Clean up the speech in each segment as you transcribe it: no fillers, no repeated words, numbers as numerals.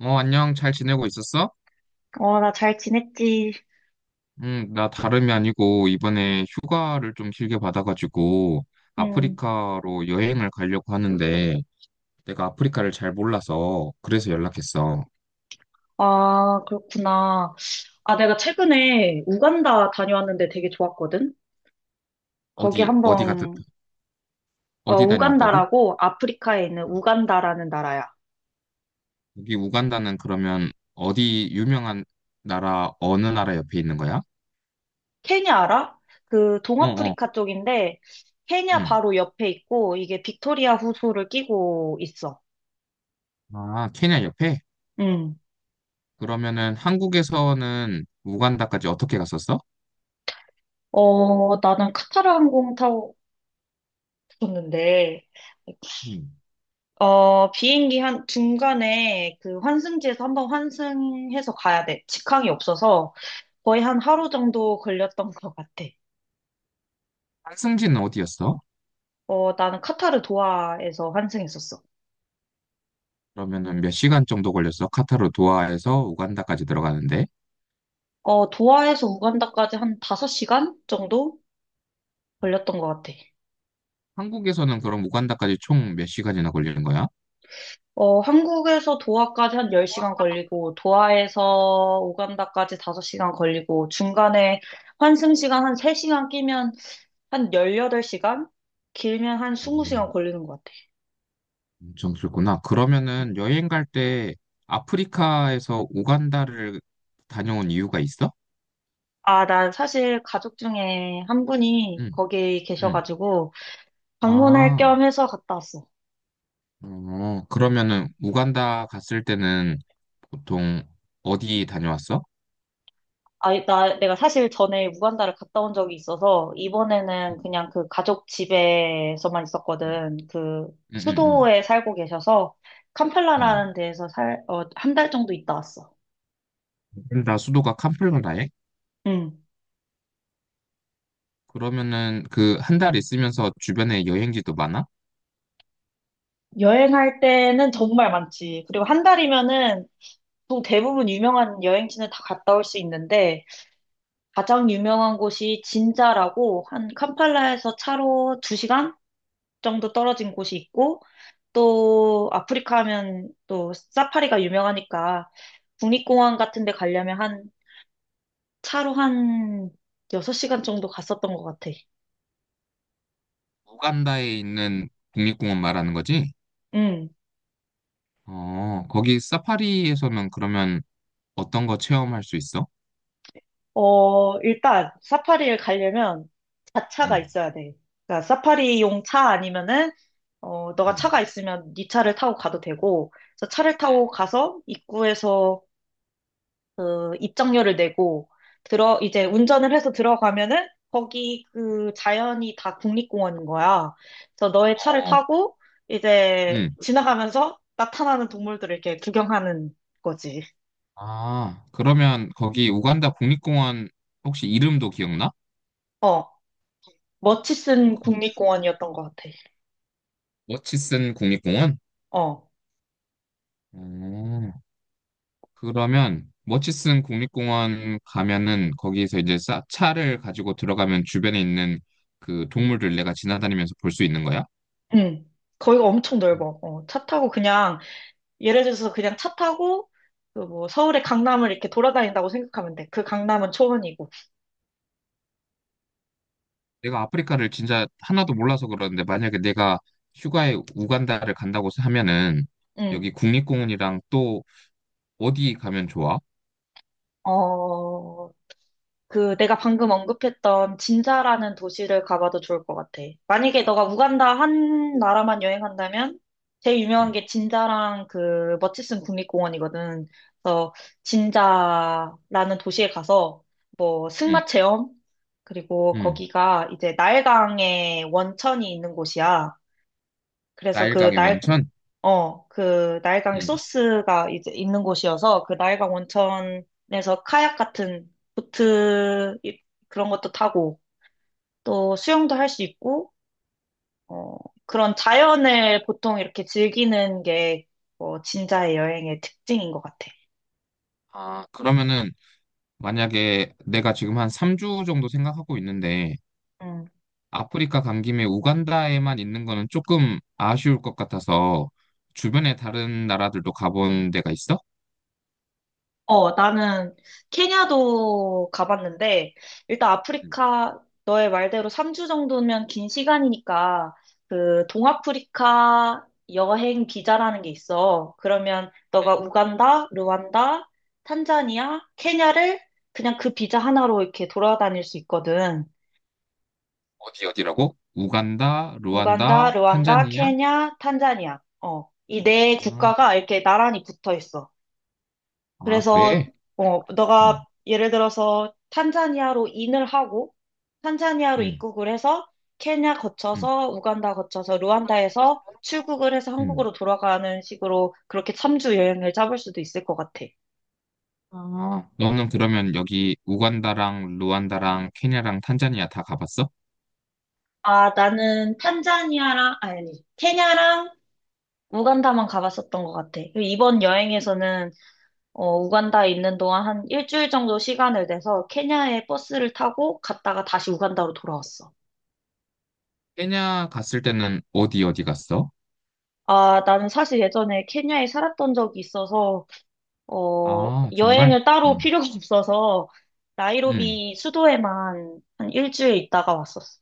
안녕. 잘 지내고 있었어? 나 잘 지냈지. 응, 나 다름이 아니고 이번에 휴가를 좀 길게 받아가지고 응. 아프리카로 여행을 가려고 하는데 내가 아프리카를 잘 몰라서 그래서 연락했어. 아, 그렇구나. 아, 내가 최근에 우간다 다녀왔는데 되게 좋았거든? 거기 어디, 어디 갔다, 한번, 어디 다녀왔다고? 우간다라고 아프리카에 있는 응. 우간다라는 나라야. 여기 우간다는 그러면 어디 유명한 나라, 어느 나라 옆에 있는 거야? 케냐 알아? 그 어, 어, 동아프리카 쪽인데, 케냐 응. 바로 옆에 있고, 이게 빅토리아 호수를 끼고 있어. 아, 케냐 옆에? 응. 그러면은 한국에서는 우간다까지 어떻게 갔었어? 나는 카타르 항공 타고 갔었는데, 응. 비행기 한 중간에 그 환승지에서 한번 환승해서 가야 돼. 직항이 없어서 거의 한 하루 정도 걸렸던 것 같아. 환승지는 어디였어? 나는 카타르 도하에서 환승했었어. 그러면은 몇 시간 정도 걸렸어? 카타르 도하에서 우간다까지 들어가는데? 도하에서 우간다까지 한 5시간 정도 걸렸던 것 같아. 한국에서는 그럼 우간다까지 총 몇 시간이나 걸리는 거야? 한국에서 도하까지 한 10시간 걸리고, 도하에서 우간다까지 5시간 걸리고, 중간에 환승 시간 한 3시간 끼면 한 18시간? 길면 한 20시간 음, 걸리는 것 같아. 엄청 길구나. 그러면은 여행 갈 때 아프리카에서 우간다를 다녀온 이유가 있어? 아, 나 사실 가족 중에 한 분이 응, 거기 응. 계셔가지고 방문할 아, 겸 해서 갔다 왔어. 어, 그러면은 응. 우간다 갔을 때는 보통 어디 다녀왔어? 아, 나 내가 사실 전에 우간다를 갔다 온 적이 있어서 응, 이번에는 그냥 그 가족 집에서만 응, 있었거든. 그 응, 응. 수도에 살고 계셔서 응. 캄팔라라는 데에서 한 달 정도 있다 왔어. 우간다 수도가 캄플가라에? 응. 그러면은 그 한 달 있으면서 주변에 여행지도 많아? 여행할 때는 정말 많지. 그리고 한 달이면은 또 대부분 유명한 여행지는 다 갔다 올 수 있는데 가장 유명한 곳이 진자라고 한 캄팔라에서 차로 2시간 정도 떨어진 곳이 있고 또 아프리카 하면 또 사파리가 유명하니까 국립공원 같은 데 가려면 한 차로 한 6시간 정도 갔었던 것 같아. 우간다에 있는 국립공원 말하는 거지? 음. 어, 거기 사파리에서는 그러면 어떤 거 체험할 수 있어? 일단 사파리를 가려면 자차가 응, 있어야 돼. 그러니까 사파리용 차 아니면은 너가 응, 차가 있으면 네 차를 타고 가도 되고 그래서 차를 타고 가서 입구에서 그 입장료를 내고 들어 이제 응, 운전을 해서 들어가면은 거기 그 자연이 다 국립공원인 거야. 그래서 너의 차를 어, 타고 이제 응. 지나가면서 나타나는 동물들을 이렇게 구경하는 거지. 아, 그러면 거기 우간다 국립공원 혹시 이름도 기억나? 어, 머치슨 그 국립공원이었던 것 같아. 머치슨 국립공원? 어, 어, 그러면 머치슨 국립공원 가면은 거기서 이제 차를 가지고 들어가면 주변에 있는 그 동물들 내가 지나다니면서 볼 수 있는 거야? 응. 거기가 엄청 넓어. 차 타고 그냥 예를 들어서 그냥 차 타고 그 뭐 서울의 강남을 이렇게 돌아다닌다고 생각하면 돼. 그 강남은 초원이고. 내가 아프리카를 진짜 하나도 몰라서 그러는데 만약에 내가 응. 휴가에 우간다를 간다고 하면은 응. 여기 국립공원이랑 또 어디 가면 좋아? 어, 그 내가 방금 언급했던 진자라는 도시를 가봐도 좋을 것 같아. 만약에 너가 우간다 한 나라만 여행한다면 제일 유명한 응, 게 진자랑 그 머치슨 국립공원이거든. 그래서 진자라는 도시에 가서 뭐 응, 승마 체험 그리고 응. 거기가 이제 나일강의 원천이 있는 곳이야. 그래서 그 나일강의 날, 원천? 그 나일강의 응. 소스가 이제 있는 곳이어서 그 나일강 원천에서 카약 같은 보트 그런 것도 타고 또 수영도 할 수 있고 어, 그런 자연을 보통 이렇게 즐기는 게 진짜의 여행의 특징인 것 같아. 아, 그러면은 만약에 내가 지금 한 3주 정도 생각하고 있는데 음. 아프리카 간 김에 우간다에만 있는 거는 조금 아쉬울 것 같아서 주변에 다른 나라들도 가본 데가 있어? 나는 케냐도 가봤는데, 일단 응. 아프리카, 너의 말대로 3주 정도면 긴 시간이니까, 그, 동아프리카 여행 비자라는 게 있어. 그러면 너가 우간다, 르완다, 탄자니아, 케냐를 그냥 그 비자 하나로 이렇게 돌아다닐 수 있거든. 어디 어디라고? 우간다, 우간다, 루안다, 르완다, 탄자니아? 케냐, 탄자니아. 이 네 아, 국가가 이렇게 나란히 붙어 있어. 아, 그래서 그래? 너가 음, 예를 들어서 탄자니아로 인을 하고 탄자니아로 음, 입국을 해서 케냐 음, 거쳐서 우간다 거쳐서 루안다에서 출국을 해서 음. 한국으로 돌아가는 식으로 그렇게 3주 여행을 잡을 수도 있을 것 같아. 아, 너는 그러면 여기 우간다랑 루안다랑 케냐랑 탄자니아 다 가봤어? 아, 나는 탄자니아랑 아니 케냐랑 우간다만 가봤었던 것 같아. 그리고 이번 여행에서는 우간다에 있는 동안 한 일주일 정도 시간을 내서 케냐에 버스를 타고 갔다가 다시 우간다로 돌아왔어. 케냐 갔을 때는 어디 어디 갔어? 아, 나는 사실 예전에 케냐에 살았던 적이 있어서, 아, 정말? 여행을 따로 음, 필요가 없어서, 음. 나이로비 수도에만 한 일주일 있다가 왔었어.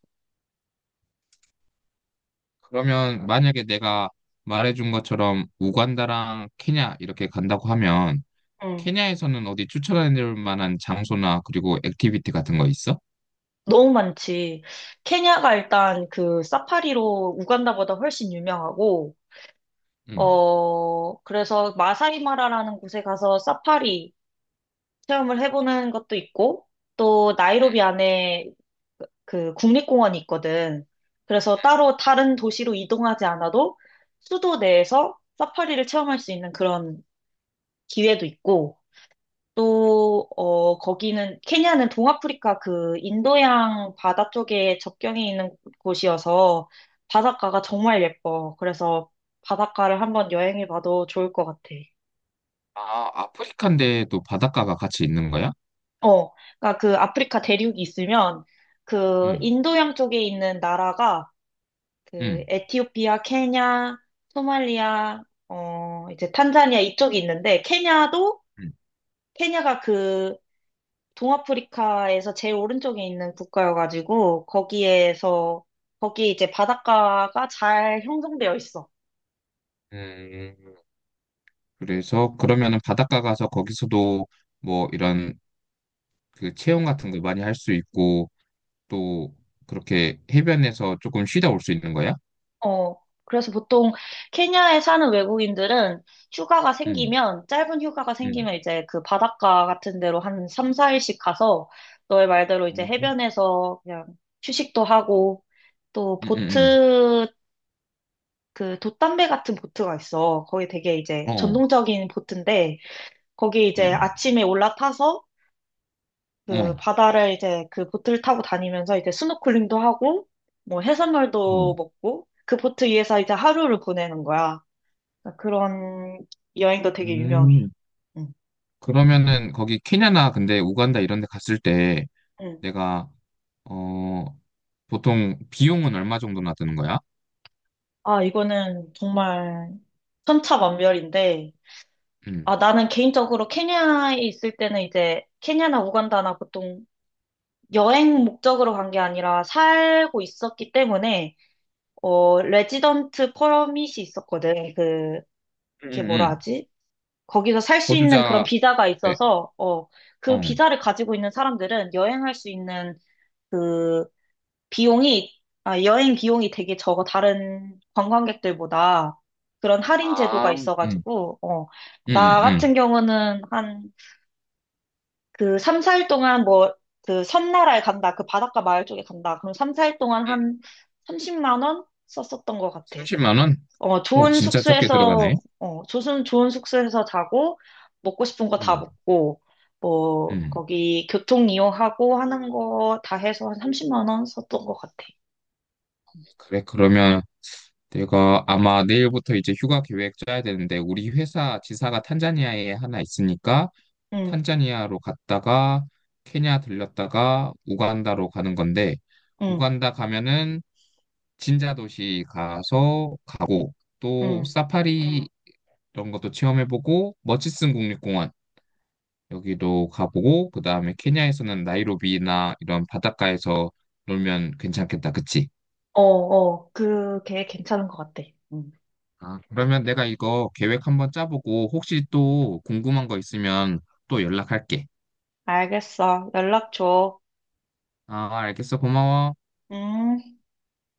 그러면 만약에 내가 말해준 것처럼 우간다랑 케냐 이렇게 간다고 하면 응. 케냐에서는 어디 추천해줄 만한 장소나 그리고 액티비티 같은 거 있어? 너무 많지. 케냐가 일단 그 사파리로 우간다보다 훨씬 유명하고, 음. 그래서 마사이 마라라는 곳에 가서 사파리, 체험을 해보는 것도 있고, 또 나이로비 안에 그 국립공원이 있거든. 그래서 따로 다른 도시로 이동하지 않아도 수도 내에서 사파리를 체험할 수 있는 그런 기회도 있고, 또, 거기는, 케냐는 동아프리카 그 인도양 바다 쪽에 접경이 있는 곳이어서 바닷가가 정말 예뻐. 그래서 바닷가를 한번 여행해봐도 좋을 것 같아. 아, 아프리카인데 또 바닷가가 같이 있는 거야? 어, 그러니까 그 아프리카 대륙이 있으면 그 음, 인도양 쪽에 있는 나라가 그 음, 에티오피아, 케냐, 소말리아, 이제 탄자니아 이쪽이 있는데 케냐도 음. 케냐가 그 동아프리카에서 제일 오른쪽에 있는 국가여가지고 거기에서 거기 이제 바닷가가 잘 형성되어 있어. 음. 그래서 그러면은 바닷가 가서 거기서도 뭐 이런 그 체험 같은 거 많이 할 수 있고 또 그렇게 해변에서 조금 쉬다 올 수 있는 거야? 어, 그래서 보통 케냐에 사는 외국인들은 휴가가 응, 생기면, 짧은 휴가가 응, 생기면 이제 그 바닷가 같은 데로 한 3, 4일씩 가서 너의 말대로 이제 음. 해변에서 그냥 휴식도 하고 또 응, 응, 보트, 그 돛담배 같은 보트가 있어. 거기 되게 이제 응. 전 어, 동적인 보트인데 거기 이제 어, 아침에 올라타서 그 어. 바다를 이제 그 보트를 타고 다니면서 이제 스노클링도 하고 뭐 해산물도 음. 먹고 그 보트 위에서 이제 하루를 보내는 거야. 그런 여행도 되게 유명해. 음. 응. 그러면은 거기 케냐나 근데 우간다 이런 데 갔을 때 응. 내가 어 보통 비용은 얼마 정도나 드는 거야? 아, 이거는 정말 천차만별인데, 응, 아, 나는 개인적으로 케냐에 있을 때는 이제 케냐나 우간다나 보통 여행 목적으로 간 게 아니라 살고 있었기 때문에, 레지던트 퍼밋이 있었거든. 그, 응, 그게 응. 뭐라 응. 하지? 거기서 살 수 있는 그런 거주자 비자가 네, 있어서, 그 어. 비자를 가지고 있는 사람들은 여행할 수 있는 그 비용이, 아, 여행 비용이 되게 적어, 다른 관광객들보다. 그런 할인 제도가 아, 응, 있어가지고, 응, 나 응, 응. 같은 경우는 한 그 3, 4일 동안 뭐, 그 섬나라에 간다, 그 바닷가 마을 쪽에 간다. 그럼 3, 4일 동안 한 30만 원 썼었던 것 같아. 30만 원? 오, 좋은 진짜 적게 들어가네. 숙소에서, 좋은 숙소에서 자고, 먹고 싶은 거 다 음, 먹고, 뭐, 음. 거기 교통 이용하고 하는 거 다 해서 한 30만 원 썼던 것 같아. 그래, 그러면 내가 아마 내일부터 이제 휴가 계획 짜야 되는데, 우리 회사 지사가 탄자니아에 하나 있으니까, 응. 탄자니아로 갔다가, 케냐 들렸다가, 우간다로 가는 건데, 응, 우간다 가면은 진자 도시 가서 가고, 또 응. 사파리 이런 것도 체험해보고, 머치슨 국립공원 여기도 가보고, 그 다음에 케냐에서는 나이로비나 이런 바닷가에서 놀면 괜찮겠다, 그치? 어, 어. 그게 괜찮은 것 같아. 응, 아, 그러면 내가 이거 계획 한번 짜보고 혹시 또 궁금한 거 있으면 또 연락할게. 알겠어. 연락 줘. 아, 알겠어. 고마워. 음.